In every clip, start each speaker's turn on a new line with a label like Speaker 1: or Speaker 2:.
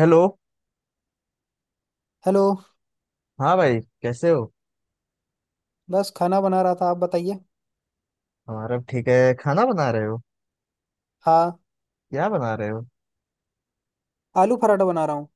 Speaker 1: Hello.
Speaker 2: Hello.
Speaker 1: हाँ भाई कैसे हो।
Speaker 2: बस खाना बना रहा था, आप बताइए।
Speaker 1: हमारा भी ठीक है। खाना बना रहे हो?
Speaker 2: हाँ,
Speaker 1: क्या बना रहे हो?
Speaker 2: आलू पराठा बना रहा हूँ।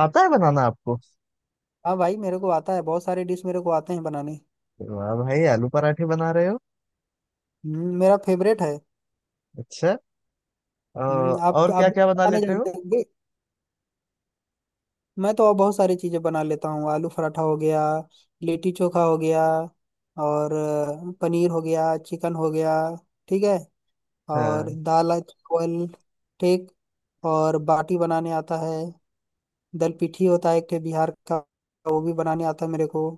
Speaker 1: आता है बनाना आपको?
Speaker 2: हाँ भाई, मेरे को आता है। बहुत सारे डिश मेरे को आते हैं बनाने।
Speaker 1: वाह भाई, आलू पराठे बना रहे हो।
Speaker 2: मेरा फेवरेट है।
Speaker 1: अच्छा।
Speaker 2: आप
Speaker 1: और
Speaker 2: आप
Speaker 1: क्या
Speaker 2: भी
Speaker 1: क्या बना
Speaker 2: बनाने
Speaker 1: लेते हो?
Speaker 2: जानते होंगे। मैं तो और बहुत सारी चीज़ें बना लेता हूँ। आलू पराठा हो गया, लिट्टी चोखा हो गया, और पनीर हो गया, चिकन हो गया। ठीक है।
Speaker 1: हाँ
Speaker 2: और दाल चावल। ठीक। और बाटी बनाने आता है। दल पिठी होता है एक ठे बिहार का, वो भी बनाने आता है मेरे को।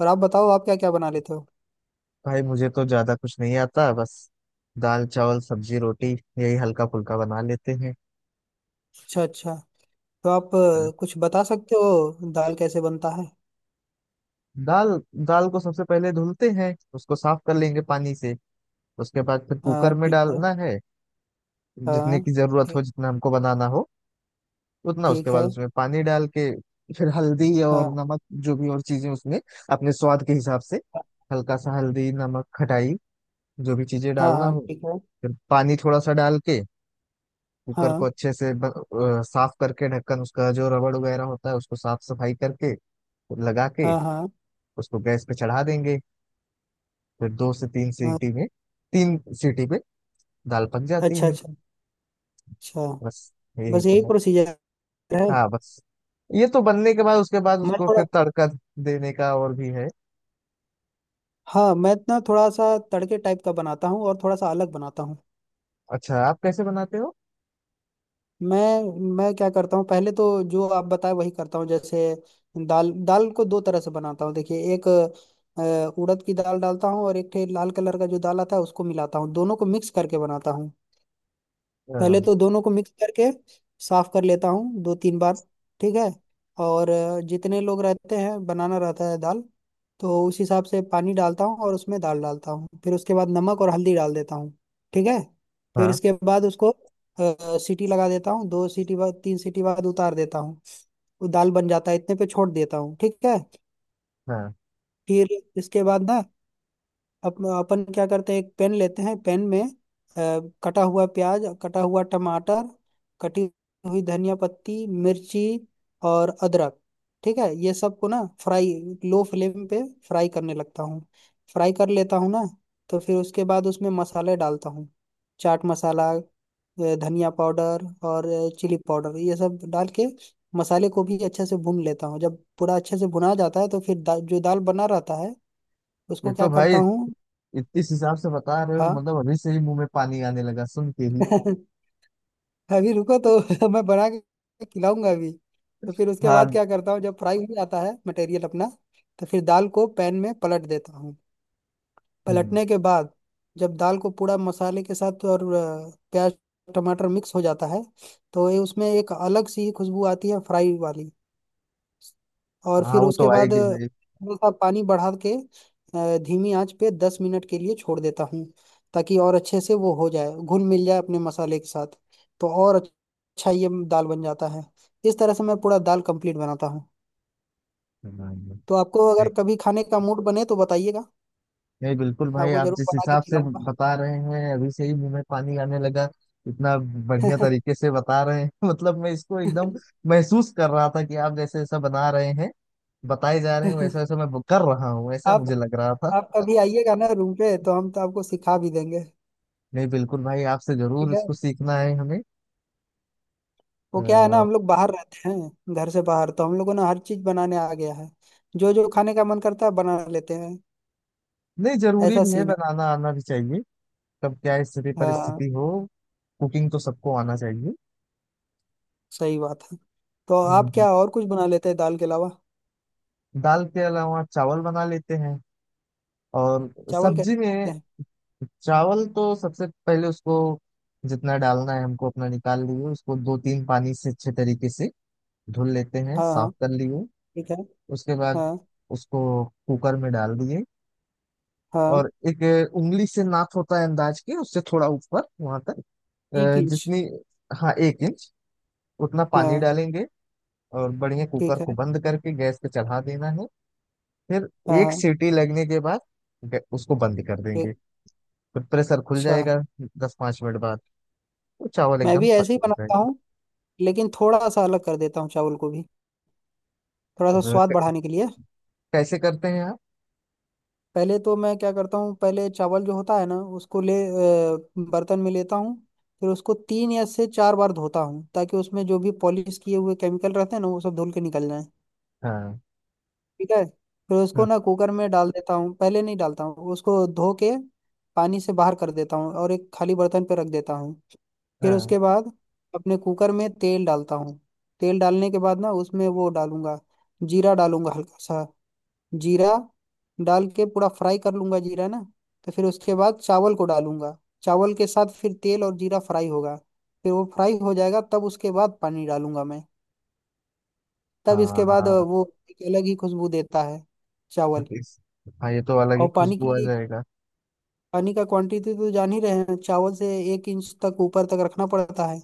Speaker 2: और आप बताओ, आप क्या क्या बना लेते हो?
Speaker 1: भाई, मुझे तो ज्यादा कुछ नहीं आता। बस दाल चावल सब्जी रोटी, यही हल्का फुल्का बना लेते हैं।
Speaker 2: अच्छा अच्छा। तो आप कुछ बता सकते हो दाल कैसे बनता है?
Speaker 1: दाल। दाल को सबसे पहले धुलते हैं, उसको साफ कर लेंगे पानी से। उसके बाद फिर
Speaker 2: हाँ
Speaker 1: कुकर में
Speaker 2: ठीक है।
Speaker 1: डालना है, जितने
Speaker 2: हाँ।
Speaker 1: की जरूरत हो,
Speaker 2: ठीक।
Speaker 1: जितना हमको बनाना हो उतना। उसके
Speaker 2: ठीक
Speaker 1: बाद
Speaker 2: है।
Speaker 1: उसमें पानी डाल के फिर हल्दी और
Speaker 2: हाँ
Speaker 1: नमक, जो भी और चीजें उसमें, अपने स्वाद के हिसाब से। हल्का सा हल्दी, नमक, खटाई, जो भी चीजें
Speaker 2: हाँ।
Speaker 1: डालना
Speaker 2: हाँ
Speaker 1: हो।
Speaker 2: ठीक है।
Speaker 1: फिर पानी थोड़ा सा डाल के कुकर को
Speaker 2: हाँ
Speaker 1: अच्छे से साफ करके, ढक्कन उसका जो रबड़ वगैरह होता है उसको साफ सफाई करके लगा के,
Speaker 2: हाँ। हाँ
Speaker 1: उसको गैस पे चढ़ा देंगे। फिर दो से तीन
Speaker 2: हाँ।
Speaker 1: सीटी में, तीन सीटी पे दाल पक जाती
Speaker 2: अच्छा
Speaker 1: है।
Speaker 2: अच्छा। अच्छा।
Speaker 1: बस, यही
Speaker 2: बस
Speaker 1: तो
Speaker 2: यही
Speaker 1: है।
Speaker 2: प्रोसीजर है।
Speaker 1: हाँ बस। ये तो बनने के बाद, उसके बाद
Speaker 2: मैं
Speaker 1: उसको
Speaker 2: थोड़ा।
Speaker 1: फिर तड़का देने का और भी है।
Speaker 2: हाँ, मैं ना थोड़ा सा तड़के टाइप का बनाता हूँ और थोड़ा सा अलग बनाता हूँ।
Speaker 1: अच्छा, आप कैसे बनाते हो?
Speaker 2: मैं। मैं क्या करता हूँ, पहले तो जो आप बताए वही करता हूँ। जैसे दाल दाल को दो तरह से बनाता हूँ। देखिए, एक उड़द की दाल डालता हूँ और एक ठे लाल कलर का जो दाल आता है उसको मिलाता हूँ, दोनों को मिक्स करके बनाता हूँ। पहले
Speaker 1: हाँ,
Speaker 2: तो दोनों को मिक्स करके साफ कर लेता हूँ, दो तीन बार। ठीक है। और जितने लोग रहते हैं बनाना रहता है दाल, तो उस हिसाब से पानी डालता हूँ और उसमें दाल डालता हूँ। फिर उसके बाद नमक और हल्दी डाल देता हूँ। ठीक है। फिर
Speaker 1: हाँ,
Speaker 2: इसके बाद उसको सीटी लगा देता हूँ। दो सीटी बाद, तीन सीटी बाद उतार देता हूँ। वो दाल बन जाता है, इतने पे छोड़ देता हूँ। ठीक है।
Speaker 1: हाँ।
Speaker 2: फिर इसके बाद ना, अब अपन क्या करते हैं, एक पेन लेते हैं। पेन में कटा हुआ प्याज, कटा हुआ टमाटर, कटी हुई धनिया पत्ती, मिर्ची और अदरक। ठीक है, ये सब को ना फ्राई, लो फ्लेम पे फ्राई करने लगता हूँ। फ्राई कर लेता हूँ ना, तो फिर उसके बाद उसमें मसाले डालता हूँ। चाट मसाला, धनिया पाउडर और चिली पाउडर, ये सब डाल के मसाले को भी अच्छे से भून लेता हूँ। जब पूरा अच्छे से भुना जाता है तो फिर जो दाल बना रहता है
Speaker 1: ये
Speaker 2: उसको
Speaker 1: तो
Speaker 2: क्या
Speaker 1: भाई
Speaker 2: करता हूँ।
Speaker 1: इस हिसाब से बता रहे हो,
Speaker 2: हाँ।
Speaker 1: मतलब अभी से ही मुंह में पानी आने लगा सुन के ही।
Speaker 2: अभी रुको तो मैं बना के खिलाऊंगा अभी। तो फिर उसके बाद
Speaker 1: हाँ।
Speaker 2: क्या करता हूँ, जब फ्राई हो जाता है मटेरियल अपना, तो फिर दाल को पैन में पलट देता हूँ।
Speaker 1: हम्म।
Speaker 2: पलटने के बाद जब दाल को पूरा मसाले के साथ और प्याज टमाटर मिक्स हो जाता है, तो ये उसमें एक अलग सी खुशबू आती है फ्राई वाली। और
Speaker 1: हाँ
Speaker 2: फिर
Speaker 1: वो तो
Speaker 2: उसके बाद
Speaker 1: आएगी भाई।
Speaker 2: थोड़ा सा पानी बढ़ा के धीमी आंच पे 10 मिनट के लिए छोड़ देता हूँ, ताकि और अच्छे से वो हो जाए, घुल मिल जाए अपने मसाले के साथ। तो और अच्छा ये दाल बन जाता है। इस तरह से मैं पूरा दाल कंप्लीट बनाता हूँ।
Speaker 1: हाँ, नहीं।
Speaker 2: तो आपको अगर कभी खाने का मूड बने तो बताइएगा,
Speaker 1: नहीं, बिल्कुल भाई,
Speaker 2: आपको
Speaker 1: आप
Speaker 2: जरूर
Speaker 1: जिस
Speaker 2: बना के
Speaker 1: हिसाब से
Speaker 2: खिलाऊंगा।
Speaker 1: बता रहे हैं, अभी से ही मुंह में पानी आने लगा। इतना बढ़िया तरीके से बता रहे हैं मतलब मैं इसको एकदम महसूस कर रहा था, कि आप जैसे ऐसा बना रहे हैं, बताए जा रहे हैं, वैसा वैसा मैं कर रहा हूँ, ऐसा
Speaker 2: आप।
Speaker 1: मुझे लग रहा था।
Speaker 2: आप कभी आइएगा ना रूम पे, तो हम तो आपको सिखा भी देंगे।
Speaker 1: नहीं बिल्कुल भाई, आपसे जरूर
Speaker 2: ठीक है,
Speaker 1: इसको सीखना है हमें।
Speaker 2: वो
Speaker 1: अ,
Speaker 2: क्या है ना, हम लोग बाहर रहते हैं घर से बाहर, तो हम लोगों ने हर चीज बनाने आ गया है। जो जो खाने का मन करता है बना लेते हैं,
Speaker 1: नहीं, जरूरी
Speaker 2: ऐसा
Speaker 1: भी है,
Speaker 2: सीन है।
Speaker 1: बनाना आना भी चाहिए। कब क्या स्थिति
Speaker 2: हाँ
Speaker 1: परिस्थिति हो, कुकिंग तो सबको आना चाहिए।
Speaker 2: सही बात है। तो आप
Speaker 1: हम्म।
Speaker 2: क्या और कुछ बना लेते हैं दाल के अलावा?
Speaker 1: दाल के अलावा चावल बना लेते हैं और
Speaker 2: चावल
Speaker 1: सब्जी
Speaker 2: कैसे बनाते
Speaker 1: में।
Speaker 2: हैं?
Speaker 1: चावल तो सबसे पहले उसको, जितना डालना है हमको, अपना निकाल लिए उसको, दो तीन पानी से अच्छे तरीके से धुल लेते हैं,
Speaker 2: हाँ हाँ
Speaker 1: साफ कर लिए।
Speaker 2: ठीक है।
Speaker 1: उसके बाद
Speaker 2: हाँ
Speaker 1: उसको कुकर में डाल दिए
Speaker 2: हाँ।
Speaker 1: और एक उंगली से नाप होता है अंदाज के, उससे थोड़ा ऊपर वहां तक,
Speaker 2: एक इंच
Speaker 1: जितनी, हाँ एक इंच, उतना पानी
Speaker 2: हाँ।
Speaker 1: डालेंगे। और बढ़िया कुकर
Speaker 2: ठीक
Speaker 1: को
Speaker 2: है।
Speaker 1: बंद करके गैस पे चढ़ा देना है। फिर
Speaker 2: हाँ
Speaker 1: एक
Speaker 2: हाँ।
Speaker 1: सीटी लगने के बाद उसको बंद कर देंगे।
Speaker 2: एक।
Speaker 1: फिर प्रेशर खुल
Speaker 2: अच्छा,
Speaker 1: जाएगा दस पाँच मिनट बाद, तो चावल
Speaker 2: मैं
Speaker 1: एकदम
Speaker 2: भी
Speaker 1: पक
Speaker 2: ऐसे ही
Speaker 1: गए
Speaker 2: बनाता
Speaker 1: रहेंगे।
Speaker 2: हूँ, लेकिन थोड़ा सा अलग कर देता हूँ चावल को भी, थोड़ा सा
Speaker 1: अब
Speaker 2: स्वाद बढ़ाने के लिए।
Speaker 1: कैसे करते हैं आप?
Speaker 2: पहले तो मैं क्या करता हूँ, पहले चावल जो होता है ना उसको ले बर्तन में लेता हूँ। फिर उसको तीन या से चार बार धोता हूँ, ताकि उसमें जो भी पॉलिश किए हुए केमिकल रहते हैं ना वो सब धुल के निकल जाए।
Speaker 1: हाँ।
Speaker 2: ठीक है। फिर उसको
Speaker 1: हम्म।
Speaker 2: ना कुकर में डाल देता हूँ, पहले नहीं डालता हूँ उसको, धो के पानी से बाहर कर देता हूँ और एक खाली बर्तन पे रख देता हूँ। फिर
Speaker 1: हाँ,
Speaker 2: उसके बाद अपने कुकर में तेल डालता हूँ। तेल डालने के बाद ना उसमें वो डालूंगा, जीरा डालूंगा हल्का सा। जीरा डाल के पूरा फ्राई कर लूंगा जीरा ना, तो फिर उसके बाद चावल को डालूंगा। चावल के साथ फिर तेल और जीरा फ्राई होगा। फिर वो फ्राई हो जाएगा तब उसके बाद पानी डालूंगा मैं। तब इसके बाद
Speaker 1: हाँ।
Speaker 2: वो एक अलग ही खुशबू देता है
Speaker 1: हाँ,
Speaker 2: चावल।
Speaker 1: इस, हाँ, ये तो अलग ही
Speaker 2: और पानी
Speaker 1: खुशबू आ
Speaker 2: की,
Speaker 1: जाएगा।
Speaker 2: पानी का क्वांटिटी तो जान ही रहे हैं चावल से 1 इंच तक ऊपर तक रखना पड़ता है।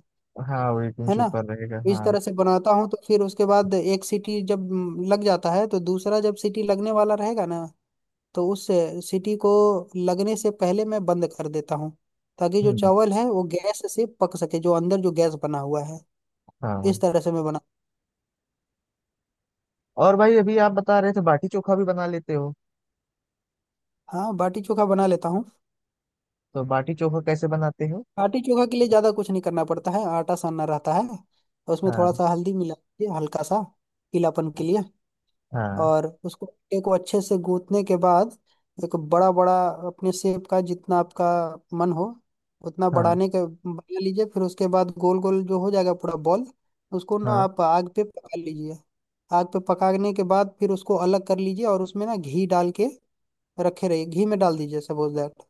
Speaker 1: हाँ वो
Speaker 2: है
Speaker 1: एकदम
Speaker 2: ना?
Speaker 1: ऊपर रहेगा,
Speaker 2: इस
Speaker 1: हाँ।
Speaker 2: तरह से बनाता हूँ। तो फिर उसके बाद एक सीटी जब लग जाता है तो दूसरा जब सीटी लगने वाला रहेगा ना, तो उस सीटी को लगने से पहले मैं बंद कर देता हूँ, ताकि जो
Speaker 1: हम्म।
Speaker 2: चावल है वो गैस से पक सके, जो अंदर जो गैस बना हुआ है।
Speaker 1: हाँ।
Speaker 2: इस तरह से मैं बना।
Speaker 1: और भाई, अभी आप बता रहे थे बाटी चोखा भी बना लेते हो।
Speaker 2: हाँ, बाटी चोखा बना लेता हूँ।
Speaker 1: तो बाटी चोखा कैसे बनाते हो?
Speaker 2: बाटी चोखा के लिए ज़्यादा कुछ नहीं करना पड़ता है। आटा सानना रहता है और उसमें थोड़ा
Speaker 1: हाँ।
Speaker 2: सा हल्दी मिला के, हल्का सा पीलापन के लिए।
Speaker 1: हाँ।
Speaker 2: और उसको अंडे को अच्छे से गूंथने के बाद एक बड़ा बड़ा अपने शेप का, जितना आपका मन हो उतना
Speaker 1: हाँ।
Speaker 2: बढ़ाने के बना लीजिए। फिर उसके बाद गोल गोल जो हो जाएगा पूरा बॉल, उसको ना
Speaker 1: हाँ।
Speaker 2: आप आग पे पका लीजिए। आग पे पकाने के बाद फिर उसको अलग कर लीजिए और उसमें ना घी डाल के रखे रहिए। घी में डाल दीजिए, सपोज दैट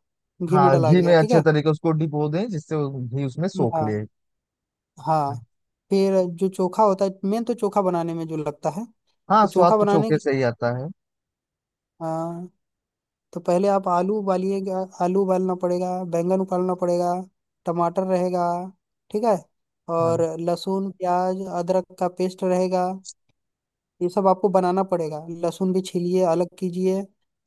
Speaker 2: घी में
Speaker 1: हाँ,
Speaker 2: डाला
Speaker 1: घी में
Speaker 2: गया, ठीक
Speaker 1: अच्छे
Speaker 2: है।
Speaker 1: तरीके उसको डिपो दें, जिससे वो घी उसमें सोख
Speaker 2: हाँ
Speaker 1: ले।
Speaker 2: हाँ। फिर जो चोखा होता है, मेन तो चोखा बनाने में जो लगता है।
Speaker 1: हाँ,
Speaker 2: तो
Speaker 1: स्वाद
Speaker 2: चोखा
Speaker 1: तो
Speaker 2: बनाने,
Speaker 1: चोखे से ही आता है।
Speaker 2: हाँ, तो पहले आप आलू उबालिएगा। आलू उबालना पड़ेगा, बैंगन उबालना पड़ेगा, टमाटर रहेगा। ठीक है। और
Speaker 1: हाँ।
Speaker 2: लहसुन प्याज अदरक का पेस्ट रहेगा। ये सब आपको बनाना पड़ेगा। लहसुन भी छीलिए अलग कीजिए,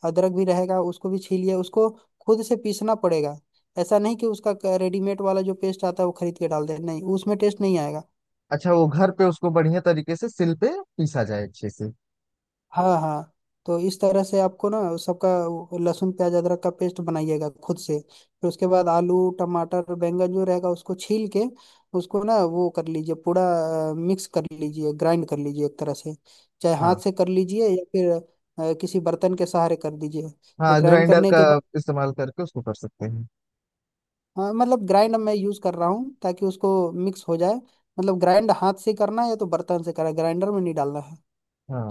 Speaker 2: अदरक भी रहेगा उसको भी छीलिए, उसको खुद से पीसना पड़ेगा। ऐसा नहीं कि उसका रेडीमेड वाला जो पेस्ट आता है वो खरीद के डाल दे, नहीं, उसमें टेस्ट नहीं आएगा।
Speaker 1: अच्छा, वो घर पे उसको बढ़िया तरीके से सिल पे पीसा जाए अच्छे से।
Speaker 2: हाँ हाँ। तो इस तरह से आपको ना उस सबका वो लहसुन प्याज अदरक का पेस्ट बनाइएगा खुद से। फिर उसके बाद आलू टमाटर बैंगन जो रहेगा उसको छील के उसको ना वो कर लीजिए, पूरा मिक्स कर लीजिए, ग्राइंड कर लीजिए एक तरह से। चाहे हाथ
Speaker 1: हाँ,
Speaker 2: से कर लीजिए या फिर किसी बर्तन के सहारे कर दीजिए। फिर
Speaker 1: हाँ।
Speaker 2: ग्राइंड
Speaker 1: ग्राइंडर
Speaker 2: करने
Speaker 1: का
Speaker 2: के बाद,
Speaker 1: इस्तेमाल करके उसको कर सकते हैं।
Speaker 2: हाँ, मतलब ग्राइंड मैं यूज़ कर रहा हूँ ताकि उसको मिक्स हो जाए, मतलब ग्राइंड हाथ से करना है या तो बर्तन से करना है, ग्राइंडर में नहीं डालना है।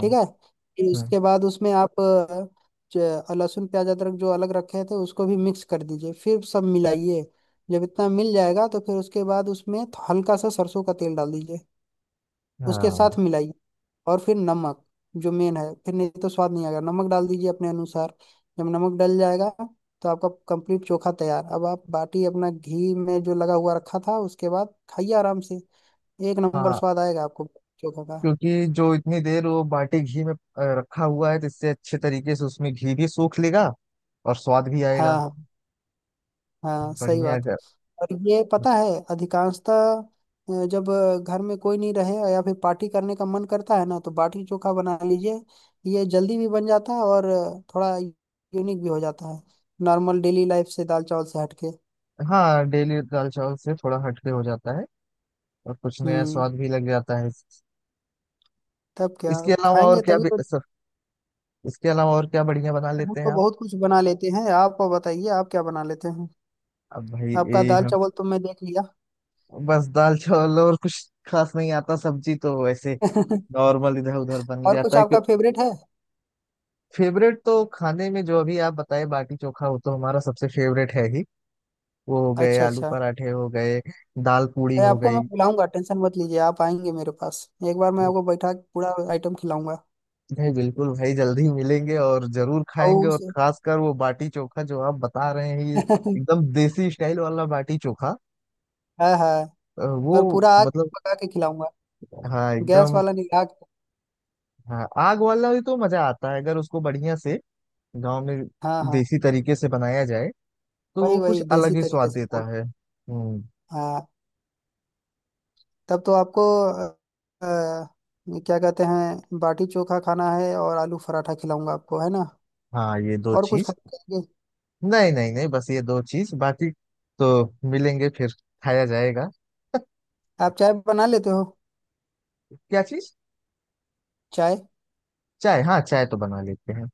Speaker 2: ठीक है। फिर
Speaker 1: हाँ।
Speaker 2: उसके बाद उसमें आप लहसुन प्याज अदरक जो अलग रखे थे उसको भी मिक्स कर दीजिए, फिर सब मिलाइए। जब इतना मिल जाएगा तो फिर उसके बाद उसमें हल्का सा सरसों का तेल डाल दीजिए, उसके
Speaker 1: हाँ।
Speaker 2: साथ मिलाइए। और फिर नमक, जो मेन है, फिर नहीं तो स्वाद नहीं आएगा। नमक डाल दीजिए अपने अनुसार। जब नमक डल जाएगा तो आपका कंप्लीट चोखा तैयार। अब आप बाटी अपना घी में जो लगा हुआ रखा था उसके बाद खाइए आराम से। एक नंबर
Speaker 1: हाँ।
Speaker 2: स्वाद आएगा आपको चोखा का।
Speaker 1: क्योंकि जो इतनी देर वो बाटी घी में रखा हुआ है, तो इससे अच्छे तरीके से उसमें घी भी सूख लेगा, और स्वाद भी
Speaker 2: हाँ
Speaker 1: आएगा।
Speaker 2: हाँ। हाँ सही
Speaker 1: बढ़िया,
Speaker 2: बात।
Speaker 1: अगर।
Speaker 2: और ये पता है, अधिकांशतः जब घर में कोई नहीं रहे या फिर पार्टी करने का मन करता है ना, तो बाटी चोखा बना लीजिए। ये जल्दी भी बन जाता है और थोड़ा यूनिक भी हो जाता है, नॉर्मल डेली लाइफ से, दाल चावल से हटके।
Speaker 1: हाँ, डेली दाल चावल से थोड़ा हटके हो जाता है और कुछ नया
Speaker 2: हम्म।
Speaker 1: स्वाद भी लग जाता है।
Speaker 2: तब क्या,
Speaker 1: इसके
Speaker 2: अब
Speaker 1: अलावा और
Speaker 2: खाएंगे
Speaker 1: क्या
Speaker 2: तभी तो।
Speaker 1: सर, इसके अलावा और क्या बढ़िया बना
Speaker 2: हम
Speaker 1: लेते हैं
Speaker 2: तो
Speaker 1: आप?
Speaker 2: बहुत कुछ बना लेते हैं, आप बताइए आप क्या बना लेते हैं।
Speaker 1: अब भाई
Speaker 2: आपका
Speaker 1: यही
Speaker 2: दाल
Speaker 1: हम,
Speaker 2: चावल तो मैं देख लिया।
Speaker 1: बस दाल चावल। और कुछ खास नहीं आता, सब्जी तो वैसे नॉर्मल इधर उधर बन
Speaker 2: और
Speaker 1: जाता
Speaker 2: कुछ
Speaker 1: है। क्यों?
Speaker 2: आपका फेवरेट है?
Speaker 1: फेवरेट तो खाने में जो अभी आप बताए, बाटी चोखा, वो तो हमारा सबसे फेवरेट है ही। वो हो गए,
Speaker 2: अच्छा
Speaker 1: आलू
Speaker 2: अच्छा।
Speaker 1: पराठे हो गए, दाल पूड़ी
Speaker 2: अरे,
Speaker 1: हो
Speaker 2: आपको मैं
Speaker 1: गई।
Speaker 2: खिलाऊंगा, टेंशन मत लीजिए। आप आएंगे मेरे पास, एक बार मैं आपको बैठा के पूरा आइटम खिलाऊंगा।
Speaker 1: भाई बिल्कुल भाई, जल्दी मिलेंगे और जरूर
Speaker 2: और
Speaker 1: खाएंगे, और
Speaker 2: उसे
Speaker 1: खासकर वो बाटी चोखा जो आप बता रहे हैं, ये एकदम देसी स्टाइल वाला बाटी चोखा।
Speaker 2: हाँ हाँ। और
Speaker 1: वो
Speaker 2: पूरा आग पे
Speaker 1: मतलब,
Speaker 2: पका के खिलाऊंगा,
Speaker 1: हाँ
Speaker 2: गैस
Speaker 1: एकदम।
Speaker 2: वाला नहीं, आग पे।
Speaker 1: हाँ, आग वाला भी तो मजा आता है, अगर उसको बढ़िया से गांव में
Speaker 2: हाँ हाँ।
Speaker 1: देसी तरीके से बनाया जाए, तो
Speaker 2: वही
Speaker 1: वो कुछ
Speaker 2: वही
Speaker 1: अलग
Speaker 2: देसी
Speaker 1: ही स्वाद
Speaker 2: तरीके से
Speaker 1: देता
Speaker 2: बोल।
Speaker 1: है। हम्म।
Speaker 2: हाँ। तब तो आपको अ, क्या कहते हैं, बाटी चोखा खाना है, और आलू पराठा खिलाऊंगा आपको, है ना?
Speaker 1: हाँ, ये दो
Speaker 2: और कुछ
Speaker 1: चीज।
Speaker 2: खाएंगे?
Speaker 1: नहीं नहीं नहीं, बस ये दो चीज बाकी, तो मिलेंगे फिर खाया जाएगा।
Speaker 2: आप चाय बना लेते हो?
Speaker 1: क्या चीज?
Speaker 2: चाय।
Speaker 1: चाय? हाँ, चाय तो बना लेते हैं।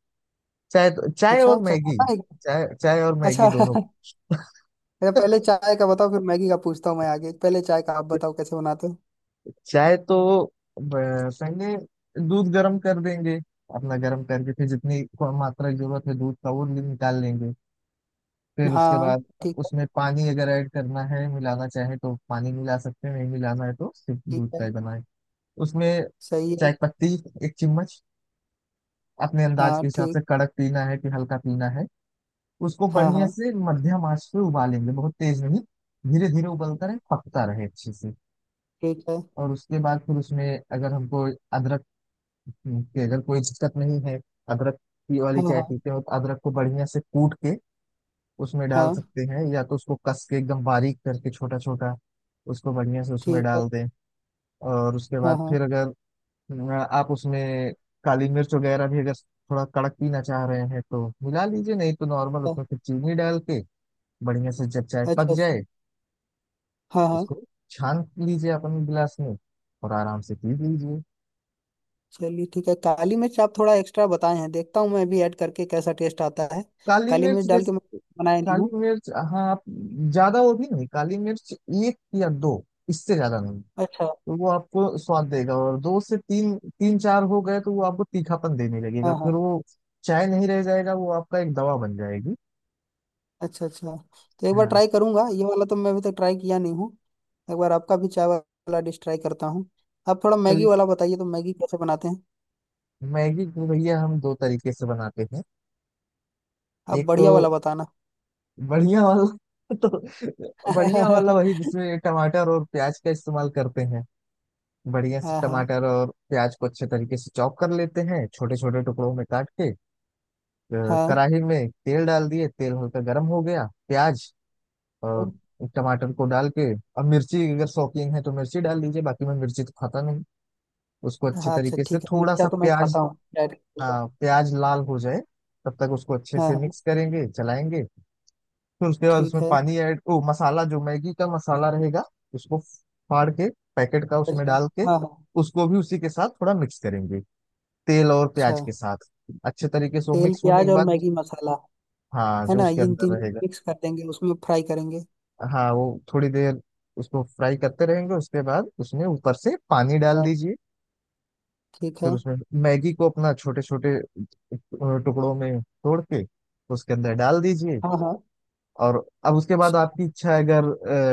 Speaker 1: चाय तो चाय और
Speaker 2: अच्छा, चाय
Speaker 1: मैगी।
Speaker 2: बना है क्या?
Speaker 1: चाय चाय और मैगी
Speaker 2: अच्छा।
Speaker 1: दोनों
Speaker 2: अरे पहले
Speaker 1: बन-
Speaker 2: चाय का बताओ, फिर मैगी का पूछता हूँ मैं आगे। पहले चाय का आप बताओ, कैसे बनाते हो?
Speaker 1: चाय तो पहले दूध गर्म कर देंगे अपना, गर्म करके फिर जितनी मात्रा की जरूरत है दूध का, वो निकाल लेंगे। फिर उसके
Speaker 2: हाँ
Speaker 1: बाद
Speaker 2: ठीक है।
Speaker 1: उसमें पानी, अगर ऐड करना है, मिलाना चाहे तो पानी मिला सकते हैं, नहीं मिलाना है तो सिर्फ
Speaker 2: ठीक
Speaker 1: दूध
Speaker 2: है।
Speaker 1: का ही बनाए। उसमें
Speaker 2: सही है।
Speaker 1: चाय पत्ती एक चम्मच, अपने अंदाज
Speaker 2: हाँ
Speaker 1: के हिसाब से,
Speaker 2: ठीक।
Speaker 1: कड़क पीना है कि हल्का पीना है। उसको
Speaker 2: हाँ
Speaker 1: बढ़िया
Speaker 2: हाँ।
Speaker 1: से मध्यम आंच पे उबालेंगे, बहुत तेज नहीं, धीरे धीरे उबलता रहे, पकता रहे अच्छे से।
Speaker 2: ठीक है।
Speaker 1: और उसके बाद फिर उसमें, अगर हमको अदरक, की अगर कोई दिक्कत नहीं है, अदरक की वाली
Speaker 2: हाँ
Speaker 1: चाय
Speaker 2: हाँ।
Speaker 1: पीते हो तो अदरक को बढ़िया से कूट के उसमें डाल
Speaker 2: हाँ
Speaker 1: सकते हैं, या तो उसको कस के एकदम बारीक करके, छोटा छोटा उसको बढ़िया से उसमें
Speaker 2: ठीक है।
Speaker 1: डाल दें। और उसके
Speaker 2: हाँ
Speaker 1: बाद
Speaker 2: हाँ।
Speaker 1: फिर अगर अ, आप उसमें काली मिर्च वगैरह भी, अगर थोड़ा कड़क पीना चाह रहे हैं तो मिला लीजिए, नहीं तो नॉर्मल उसमें
Speaker 2: अ-
Speaker 1: फिर चीनी डाल के बढ़िया से जब चाय पक
Speaker 2: अच्छा अच्छा।
Speaker 1: जाए,
Speaker 2: हाँ हाँ।
Speaker 1: उसको छान लीजिए अपने गिलास में और आराम से पी लीजिए।
Speaker 2: चलिए ठीक है, काली मिर्च आप थोड़ा एक्स्ट्रा बताए हैं, देखता हूँ मैं भी ऐड करके कैसा टेस्ट आता है।
Speaker 1: काली
Speaker 2: काली मिर्च
Speaker 1: मिर्च
Speaker 2: डाल के मैं
Speaker 1: जैसे,
Speaker 2: बनाया नहीं
Speaker 1: काली
Speaker 2: हूँ।
Speaker 1: मिर्च हाँ, आप ज्यादा वो भी नहीं काली मिर्च, एक या दो, इससे ज्यादा नहीं।
Speaker 2: अच्छा।
Speaker 1: तो वो आपको स्वाद देगा, और दो से तीन, तीन चार हो गए तो वो आपको तीखापन देने लगेगा,
Speaker 2: हाँ
Speaker 1: फिर
Speaker 2: हाँ।
Speaker 1: वो चाय नहीं रह जाएगा, वो आपका एक दवा बन जाएगी।
Speaker 2: अच्छा अच्छा, तो एक बार
Speaker 1: हाँ।
Speaker 2: ट्राई करूंगा, ये वाला तो मैं अभी तक ट्राई किया नहीं हूँ। एक बार आपका भी चाय वाला डिश ट्राई करता हूँ। आप थोड़ा मैगी
Speaker 1: चलिए,
Speaker 2: वाला बताइए, तो मैगी कैसे बनाते हैं?
Speaker 1: मैगी को भैया हम दो तरीके से बनाते हैं।
Speaker 2: आप
Speaker 1: एक तो
Speaker 2: बढ़िया वाला बताना।
Speaker 1: बढ़िया वाला, तो बढ़िया वाला वही जिसमें टमाटर और प्याज का इस्तेमाल करते हैं। बढ़िया से
Speaker 2: हाँ हाँ।
Speaker 1: टमाटर और प्याज को अच्छे तरीके से चॉप कर लेते हैं, छोटे छोटे टुकड़ों में काट के।
Speaker 2: हाँ
Speaker 1: कढ़ाई में तेल डाल दिए, तेल हल्का गर्म हो गया, प्याज और टमाटर को डाल के। अब मिर्ची, अगर शौकीन है तो मिर्ची डाल लीजिए, बाकी मैं मिर्ची तो खाता नहीं। उसको अच्छे
Speaker 2: हाँ। अच्छा
Speaker 1: तरीके से
Speaker 2: ठीक है,
Speaker 1: थोड़ा
Speaker 2: मिर्चा
Speaker 1: सा
Speaker 2: तो मैं
Speaker 1: प्याज,
Speaker 2: खाता हूँ डायरेक्ट।
Speaker 1: हाँ प्याज लाल हो जाए तब तक उसको अच्छे
Speaker 2: हाँ
Speaker 1: से
Speaker 2: हाँ।
Speaker 1: मिक्स करेंगे, चलाएंगे। फिर उसके बाद
Speaker 2: ठीक
Speaker 1: उसमें
Speaker 2: है।
Speaker 1: पानी ऐड ओ मसाला, जो मैगी का मसाला रहेगा, उसको फाड़ के पैकेट का उसमें
Speaker 2: अच्छा।
Speaker 1: डाल के,
Speaker 2: हाँ हाँ।
Speaker 1: उसको भी उसी के साथ थोड़ा मिक्स करेंगे, तेल और
Speaker 2: अच्छा,
Speaker 1: प्याज के साथ। अच्छे तरीके से वो
Speaker 2: तेल
Speaker 1: मिक्स होने
Speaker 2: प्याज
Speaker 1: के
Speaker 2: और
Speaker 1: बाद,
Speaker 2: मैगी मसाला,
Speaker 1: हाँ
Speaker 2: है
Speaker 1: जो
Speaker 2: ना
Speaker 1: उसके
Speaker 2: इन
Speaker 1: अंदर
Speaker 2: तीन
Speaker 1: रहेगा,
Speaker 2: मिक्स कर देंगे, उसमें फ्राई करेंगे।
Speaker 1: हाँ वो थोड़ी देर उसको फ्राई करते रहेंगे। उसके बाद उसमें ऊपर से पानी डाल
Speaker 2: हाँ
Speaker 1: दीजिए।
Speaker 2: ठीक
Speaker 1: फिर
Speaker 2: है।
Speaker 1: उसमें मैगी को अपना, छोटे छोटे टुकड़ों में तोड़ के उसके अंदर डाल दीजिए।
Speaker 2: हाँ हाँ।
Speaker 1: और अब उसके बाद आपकी इच्छा है, अगर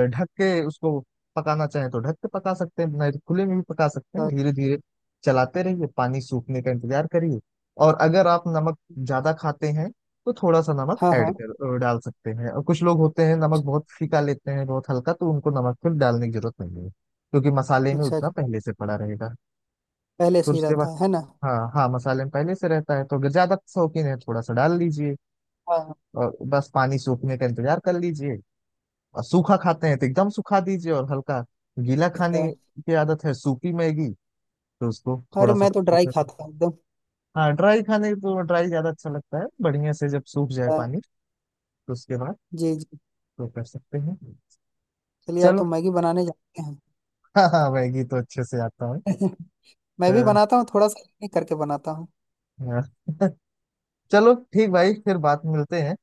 Speaker 1: ढक के उसको पकाना चाहें तो ढक के पका सकते हैं, नहीं तो खुले में भी पका सकते हैं।
Speaker 2: अच्छा,
Speaker 1: धीरे धीरे चलाते रहिए, पानी सूखने का इंतजार करिए। और अगर आप नमक ज्यादा खाते हैं, तो थोड़ा सा नमक
Speaker 2: हाँ हाँ।
Speaker 1: डाल सकते हैं, और कुछ लोग होते हैं नमक बहुत फीका लेते हैं, बहुत हल्का, तो उनको नमक फिर डालने की जरूरत नहीं है, क्योंकि मसाले में
Speaker 2: अच्छा
Speaker 1: उतना
Speaker 2: अच्छा,
Speaker 1: पहले से पड़ा रहेगा।
Speaker 2: पहले
Speaker 1: फिर
Speaker 2: से ही
Speaker 1: उसके बाद,
Speaker 2: रहता है ना।
Speaker 1: हाँ हाँ मसाले में पहले से रहता है, तो अगर ज्यादा शौकीन है थोड़ा सा डाल लीजिए।
Speaker 2: हाँ हाँ,
Speaker 1: और बस पानी सूखने का इंतजार कर लीजिए। और सूखा खाते हैं तो एकदम सुखा दीजिए, और हल्का गीला खाने
Speaker 2: अच्छा।
Speaker 1: की आदत है सूखी मैगी, तो उसको
Speaker 2: अरे
Speaker 1: थोड़ा सा
Speaker 2: मैं तो ड्राई
Speaker 1: उसमें
Speaker 2: खाता हूँ एकदम।
Speaker 1: हाँ, ड्राई खाने तो ड्राई ज्यादा अच्छा लगता है, बढ़िया से जब सूख जाए
Speaker 2: हाँ,
Speaker 1: पानी, तो उसके बाद
Speaker 2: जी जी।
Speaker 1: तो कर सकते हैं।
Speaker 2: चलिए, आप
Speaker 1: चलो।
Speaker 2: तो मैगी बनाने जाते हैं।
Speaker 1: हाँ हाँ, मैगी तो अच्छे से आता है। अ,
Speaker 2: मैं भी
Speaker 1: अ,
Speaker 2: बनाता हूँ, थोड़ा सा करके बनाता हूँ।
Speaker 1: चलो ठीक भाई, फिर बात मिलते हैं।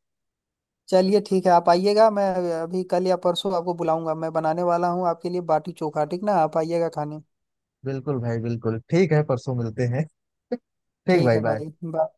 Speaker 2: चलिए ठीक है, आप आइएगा। मैं अभी कल या परसों आपको बुलाऊंगा, मैं बनाने वाला हूँ आपके लिए बाटी चोखा, ठीक ना, आप आइएगा खाने।
Speaker 1: बिल्कुल भाई बिल्कुल, ठीक है परसों मिलते हैं। ठीक
Speaker 2: ठीक
Speaker 1: भाई,
Speaker 2: है
Speaker 1: बाय।
Speaker 2: भाई, बाय।